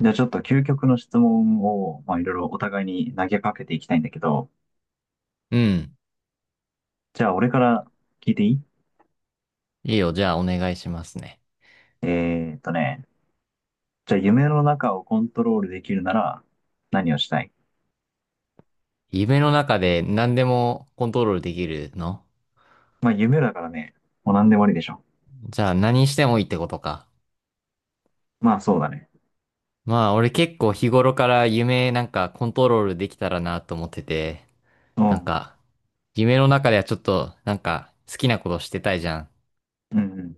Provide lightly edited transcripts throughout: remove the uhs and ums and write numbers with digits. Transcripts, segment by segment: じゃあちょっと究極の質問を、まあ、いろいろお互いに投げかけていきたいんだけど、うん。じゃあ俺から聞いていい？いいよ。じゃあ、お願いしますね。えーっとね、じゃあ夢の中をコントロールできるなら何をしたい？夢の中で何でもコントロールできるの？まあ夢だからね、もう何でもありでしょ。じゃあ、何してもいいってことか。まあそうだね。まあ、俺結構日頃から夢なんかコントロールできたらなと思ってて、うなんん。か、夢の中ではちょっと、なんか、好きなことしてたいじゃん。うん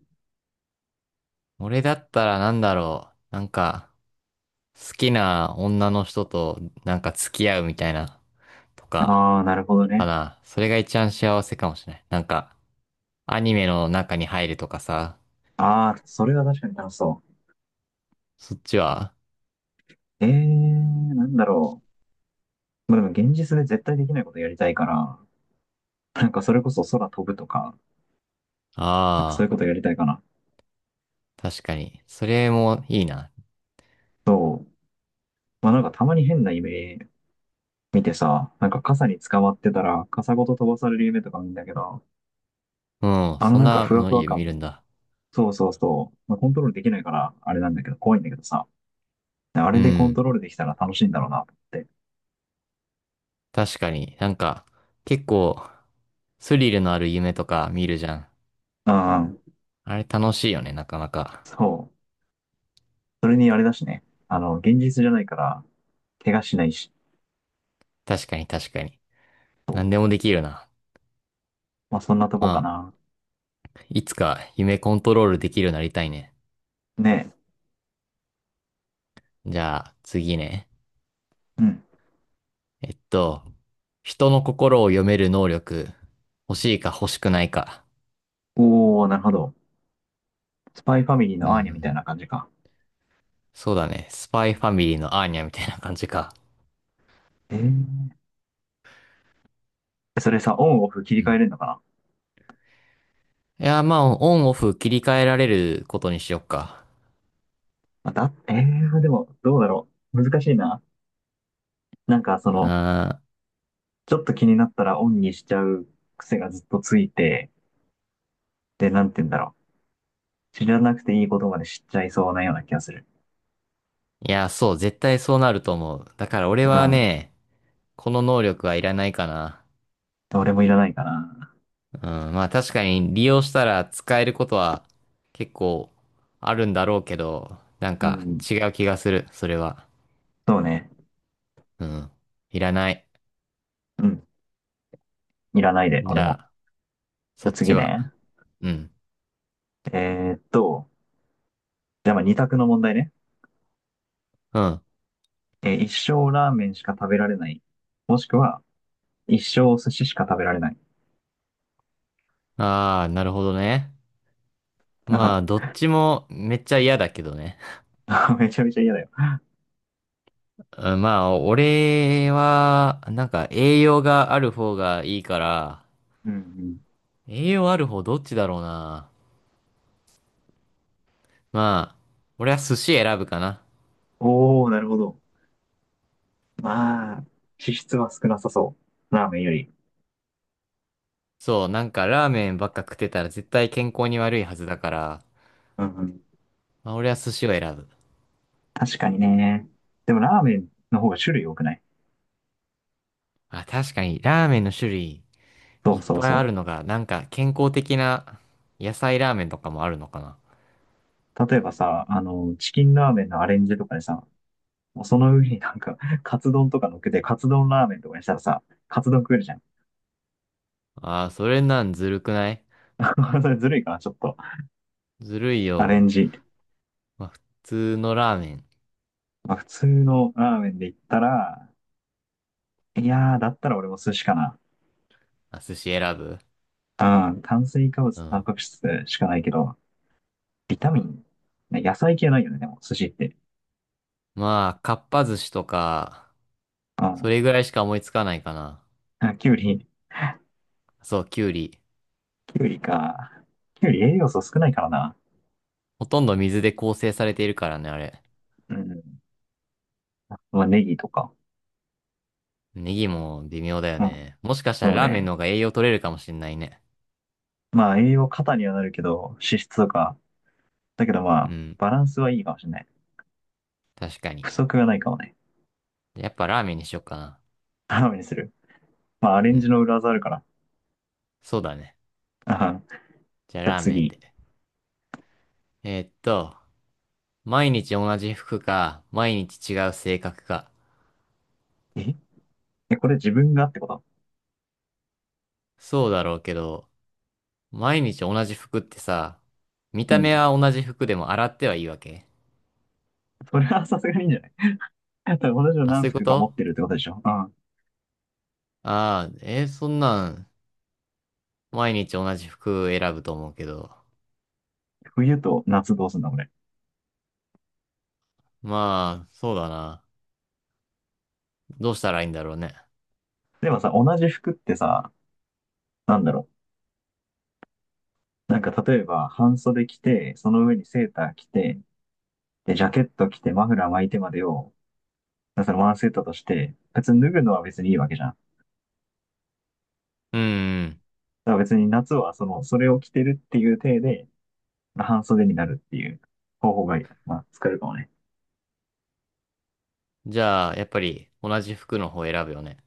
俺だったらなんだろう。なんか、好きな女の人となんか付き合うみたいな、とうん。か、ああ、なるほどかね。な。それが一番幸せかもしれない。なんか、アニメの中に入るとかさ。ああ、それは確かに楽しそそっちは？う。なんだろう。まあでも現実で絶対できないことやりたいから、それこそ空飛ぶとか、そういうあことやりたいかな。あ、確かに。それもいいな。そう。たまに変な夢見てさ、傘に捕まってたら、傘ごと飛ばされる夢とか見るんだけど、うん、そんなふわのふわ見感、るんだ。そうそうそう、まあ、コントロールできないから、あれなんだけど、怖いんだけどさ、あうれでコントん、ロールできたら楽しいんだろうなと思って。確かに。なんか、結構、スリルのある夢とか見るじゃん。うんうん、あれ楽しいよね、なかなか。そう。それにあれだしね、現実じゃないから、怪我しないし、確かに確かに。何でもできるな。まあそんなとまこかな。あ、いつか夢コントロールできるようになりたいね。ね、じゃあ、次ね。え、うん。えっと、人の心を読める能力、欲しいか欲しくないか。おー、なるほど。スパイファミリーうのアーニャみたいん。な感じか。そうだね。スパイファミリーのアーニャみたいな感じか。えー、それさ、オンオフ切りう替えれん。るのかな？いや、まあ、オンオフ切り替えられることにしよっか。まあだ、でも、どうだろう。難しいな。なんか、その、あちょっと気になったらオンにしちゃう癖がずっとついて、で、なんて言うんだろう。知らなくていいことまで知っちゃいそうなような気がする。ー、いや、そう、絶対そうなると思う。だから俺うはん。ね、この能力はいらないかな。俺もいらないかな。うん、まあ確かに利用したら使えることは結構あるんだろうけど、なんうかん。違う気がする、それは。そうね。うん、いらない。うん。いらないで、じ俺ゃも。あ、じゃそあっち次は？ね。うん、えーっと、じゃあまあ二択の問題ね。うん。えー一生ラーメンしか食べられない。もしくは、一生お寿司しか食べられない。ああ、なるほどね。あまあ、どっちもめっちゃ嫌だけどね。は、 めちゃめちゃ嫌だよ。うん。まあ、俺は、なんか栄養がある方がいいから、うんうん。栄養ある方どっちだろうな。まあ、俺は寿司選ぶかな。おー、なるほど。まあ、脂質は少なさそう。ラーメンより。そう、なんかラーメンばっか食ってたら絶対健康に悪いはずだから、うんうん。まあ、俺は寿司を選ぶ。確かにね。でもラーメンの方が種類多くない？あ、確かにラーメンの種類そいうっそうぱいあそるのが、なんか健康的な野菜ラーメンとかもあるのかな。う。例えばさ、あの、チキンラーメンのアレンジとかでさ、もうその上に、カツ丼とか乗っけて、カツ丼ラーメンとかにしたらさ、カツ丼食えるじゃん。あー、それなんずるくない？ それずるいかな、ちょっと。ずるいアレよ。ンジ。まあ、普通のラーメン。まあ、普通のラーメンで言ったら、いやー、だったら俺も寿司かな。あ、寿司選ぶ？うん、炭水化物うとタンん。パク質しかないけど、ビタミン、ね、野菜系ないよね、でも、寿司って。まあ、かっぱ寿司とか、うそん。れぐらいしか思いつかないかな。あ、きゅうり、そう、きゅうり。きゅうりか。きゅうり栄養素少ないからな。ほとんど水で構成されているからね、あれ。うん。まあ、ネギとか。ネギも微妙だようん。ね。もしかしたらそうラーメンのね。方が栄養取れるかもしんないね。まあ、栄養過多にはなるけど、脂質とか。だけどまうあ、ん。バランスはいいかもしれない。確か不に。足がないかもね。やっぱラーメンにしよっかな。頼みにする。まあ、アレうンジん。の裏技あるから。そうだね。あはんじじゃあゃあラーメンで。次。えーっと、毎日同じ服か、毎日違う性格か。え、えこれ自分がってこと？そうだろうけど、毎日同じ服ってさ、見うた目ん。は同じ服でも洗ってはいいわけ？それはさすがにいいんじゃない？ だって同じのあ、何そういうこ服か持っと？てるってことでしょ？うん。ああー、そんなん、毎日同じ服選ぶと思うけど。冬と夏どうすんだ、これ。まあ、そうだな。どうしたらいいんだろうね。でもさ、同じ服ってさ、なんだろう。例えば、半袖着て、その上にセーター着て、で、ジャケット着て、マフラー巻いてまでを、だからそのワンセットとして、別に脱ぐのは別にいいわけじゃん。だうん。から別に夏はその、それを着てるっていう体で、半袖になるっていう方法が、まあ、使えるかもね。じゃあ、やっぱり同じ服の方選ぶよね。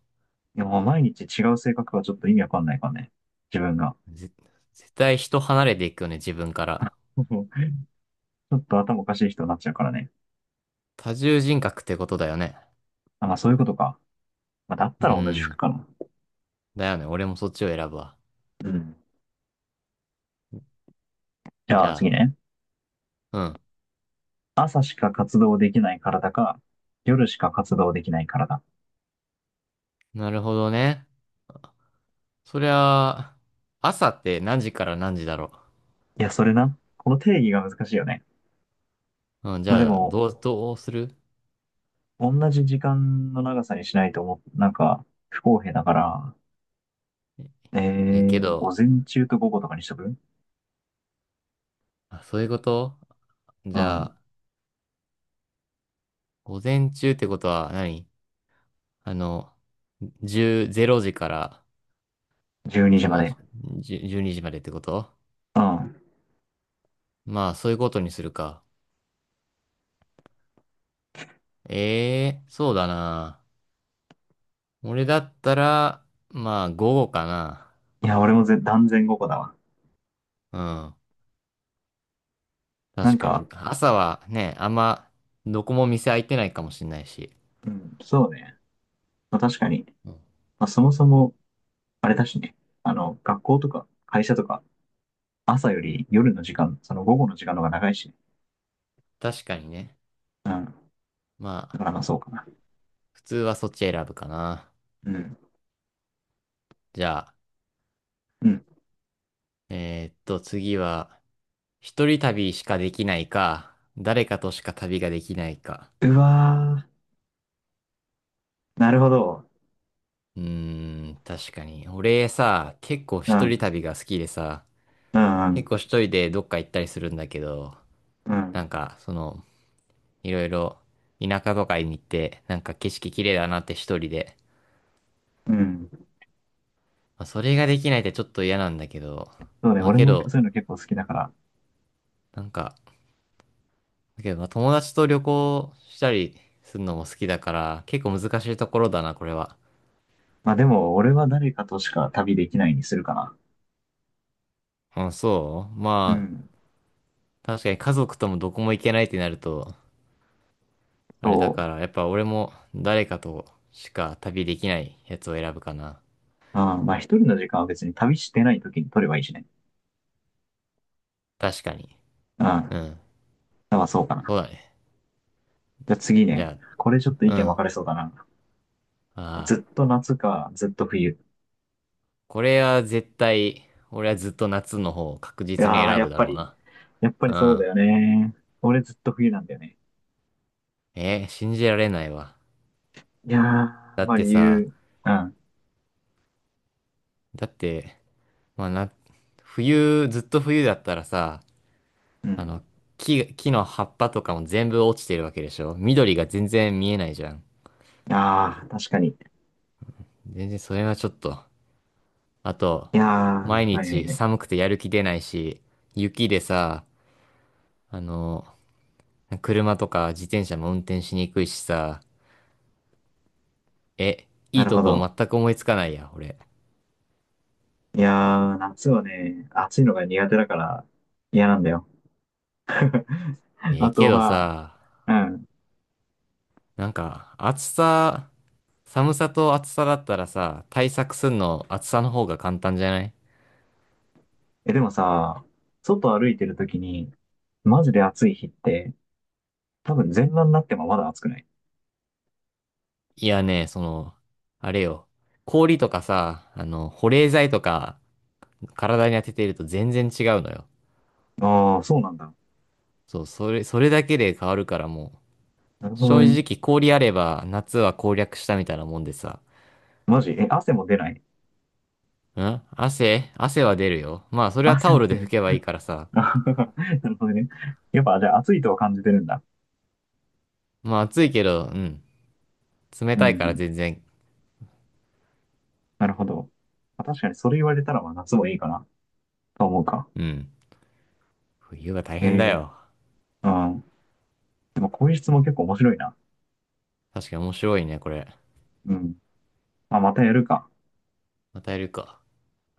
でも毎日違う性格はちょっと意味わかんないからね。自分が。ぜ絶対人離れていくよね、自分から。ちょっと頭おかしい人になっちゃうからね。多重人格ってことだよね。あ、まあそういうことか。まあ、だっうたら同じ服ん。かな。だよね、俺もそっちを選ぶわ。うん。じじゃあゃ次あ、ね。うん。朝しか活動できない体か、夜しか活動できない体。なるほどね。そりゃ、朝って何時から何時だろいや、それな。この定義が難しいよね。う？うん、じまあでゃあ、も、どうする？同じ時間の長さにしないと思う、不公平だから、えけー、ど、午前中と午後とかにしとく？あ、そういうこと？じうゃん。あ、午前中ってことは何？あの、10、0時から、12そ時まの、で。10 12時までってこと？うん。まあ、そういうことにするか。ええそうだな。俺だったら、まあ、午後かな。いや、俺もぜ断然午後だわ。うん。なん確かか、に。朝はね、あんま、どこも店開いてないかもしれないし。うん、そうね。まあ、確かに。うん。まあ、そもそも、あれだしね。あの、学校とか会社とか、朝より夜の時間、その午後の時間の方が長いしね。確かにね。うん。まだあ、からまあそうかな。普通はそっち選ぶかな。うん。じゃあ、うん。次は、一人旅しかできないか、誰かとしか旅ができないか。うわー。なるほど。うーん、確かに。俺さ、結構う一人ん。旅が好きでさ、うん、う結構ん。一人でどっか行ったりするんだけど、うなんん。か、その、いろいろ田舎とかに行って、なんか景色綺麗だなって一人で。うん。まあ、それができないってちょっと嫌なんだけど、そうね。まあ俺けもど、そういうの結構好きだから、なんか、だけどまあ友達と旅行したりするのも好きだから、結構難しいところだな、これは。まあでも、俺は誰かとしか旅できないにするかな。あ、そううまあ、ん。確かに家族ともどこも行けないってなると、あれだそう。から、やっぱ俺も誰かとしか旅できないやつを選ぶかな。うん。まあ一人の時間は別に旅してない時に取ればいいしね。確かに。うん。うまん。あそうかな。そうだね。じゃあ次じね。ゃこれちょっと意あ、う見分ん。かれそうだな。ああ。ずっと夏か、ずっと冬。これは絶対、俺はずっと夏の方を確い実にやー、選やぶっだぱろうり、な。やっぱうりそうだん。よね。俺ずっと冬なんだよね。信じられないわ。いやー、だまっあて理さ、由。うん。だって、まあな、ずっと冬だったらさ、うあの、ん。木の葉っぱとかも全部落ちてるわけでしょ？緑が全然見えないじゃん。ああ、確かに。い全然それはちょっと。あと、や毎ー、はいはい日はい。寒くてやる気出ないし、雪でさ、あの、車とか自転車も運転しにくいしさ、え、いないるとほこど。全く思いつかないや、俺。いやー、夏はね、暑いのが苦手だから嫌なんだよ。ええあけとどは、さ、うん。なんか、寒さと暑さだったらさ、対策すんの暑さの方が簡単じゃない？え、でもさ、外歩いてるときに、マジで暑い日って、多分全裸になってもまだ暑くない？いやね、その、あれよ。氷とかさ、あの、保冷剤とか体に当てていると全然違うのよ。ああー、そうなんだ。そう、それだけで変わるからもう、なるほど正ね。直氷あれば夏は攻略したみたいなもんでさ、マジ、え、汗も出ない？ん、汗は出るよ。まあそれは汗タオもル出でな拭い。けばいいからさ。なるほどね。やっぱ、じゃあ暑いとは感じてるんだ。まあ暑いけど、うん。冷うたいからん。全然。なるほど。まあ確かにそれ言われたら、まあ夏もいいかな、と思うか。うん。冬が大え変だえよ。うん。でもこういう質問結構面白いな。確かに面白いね、これ。うん。まあ、またやるか。またやるか。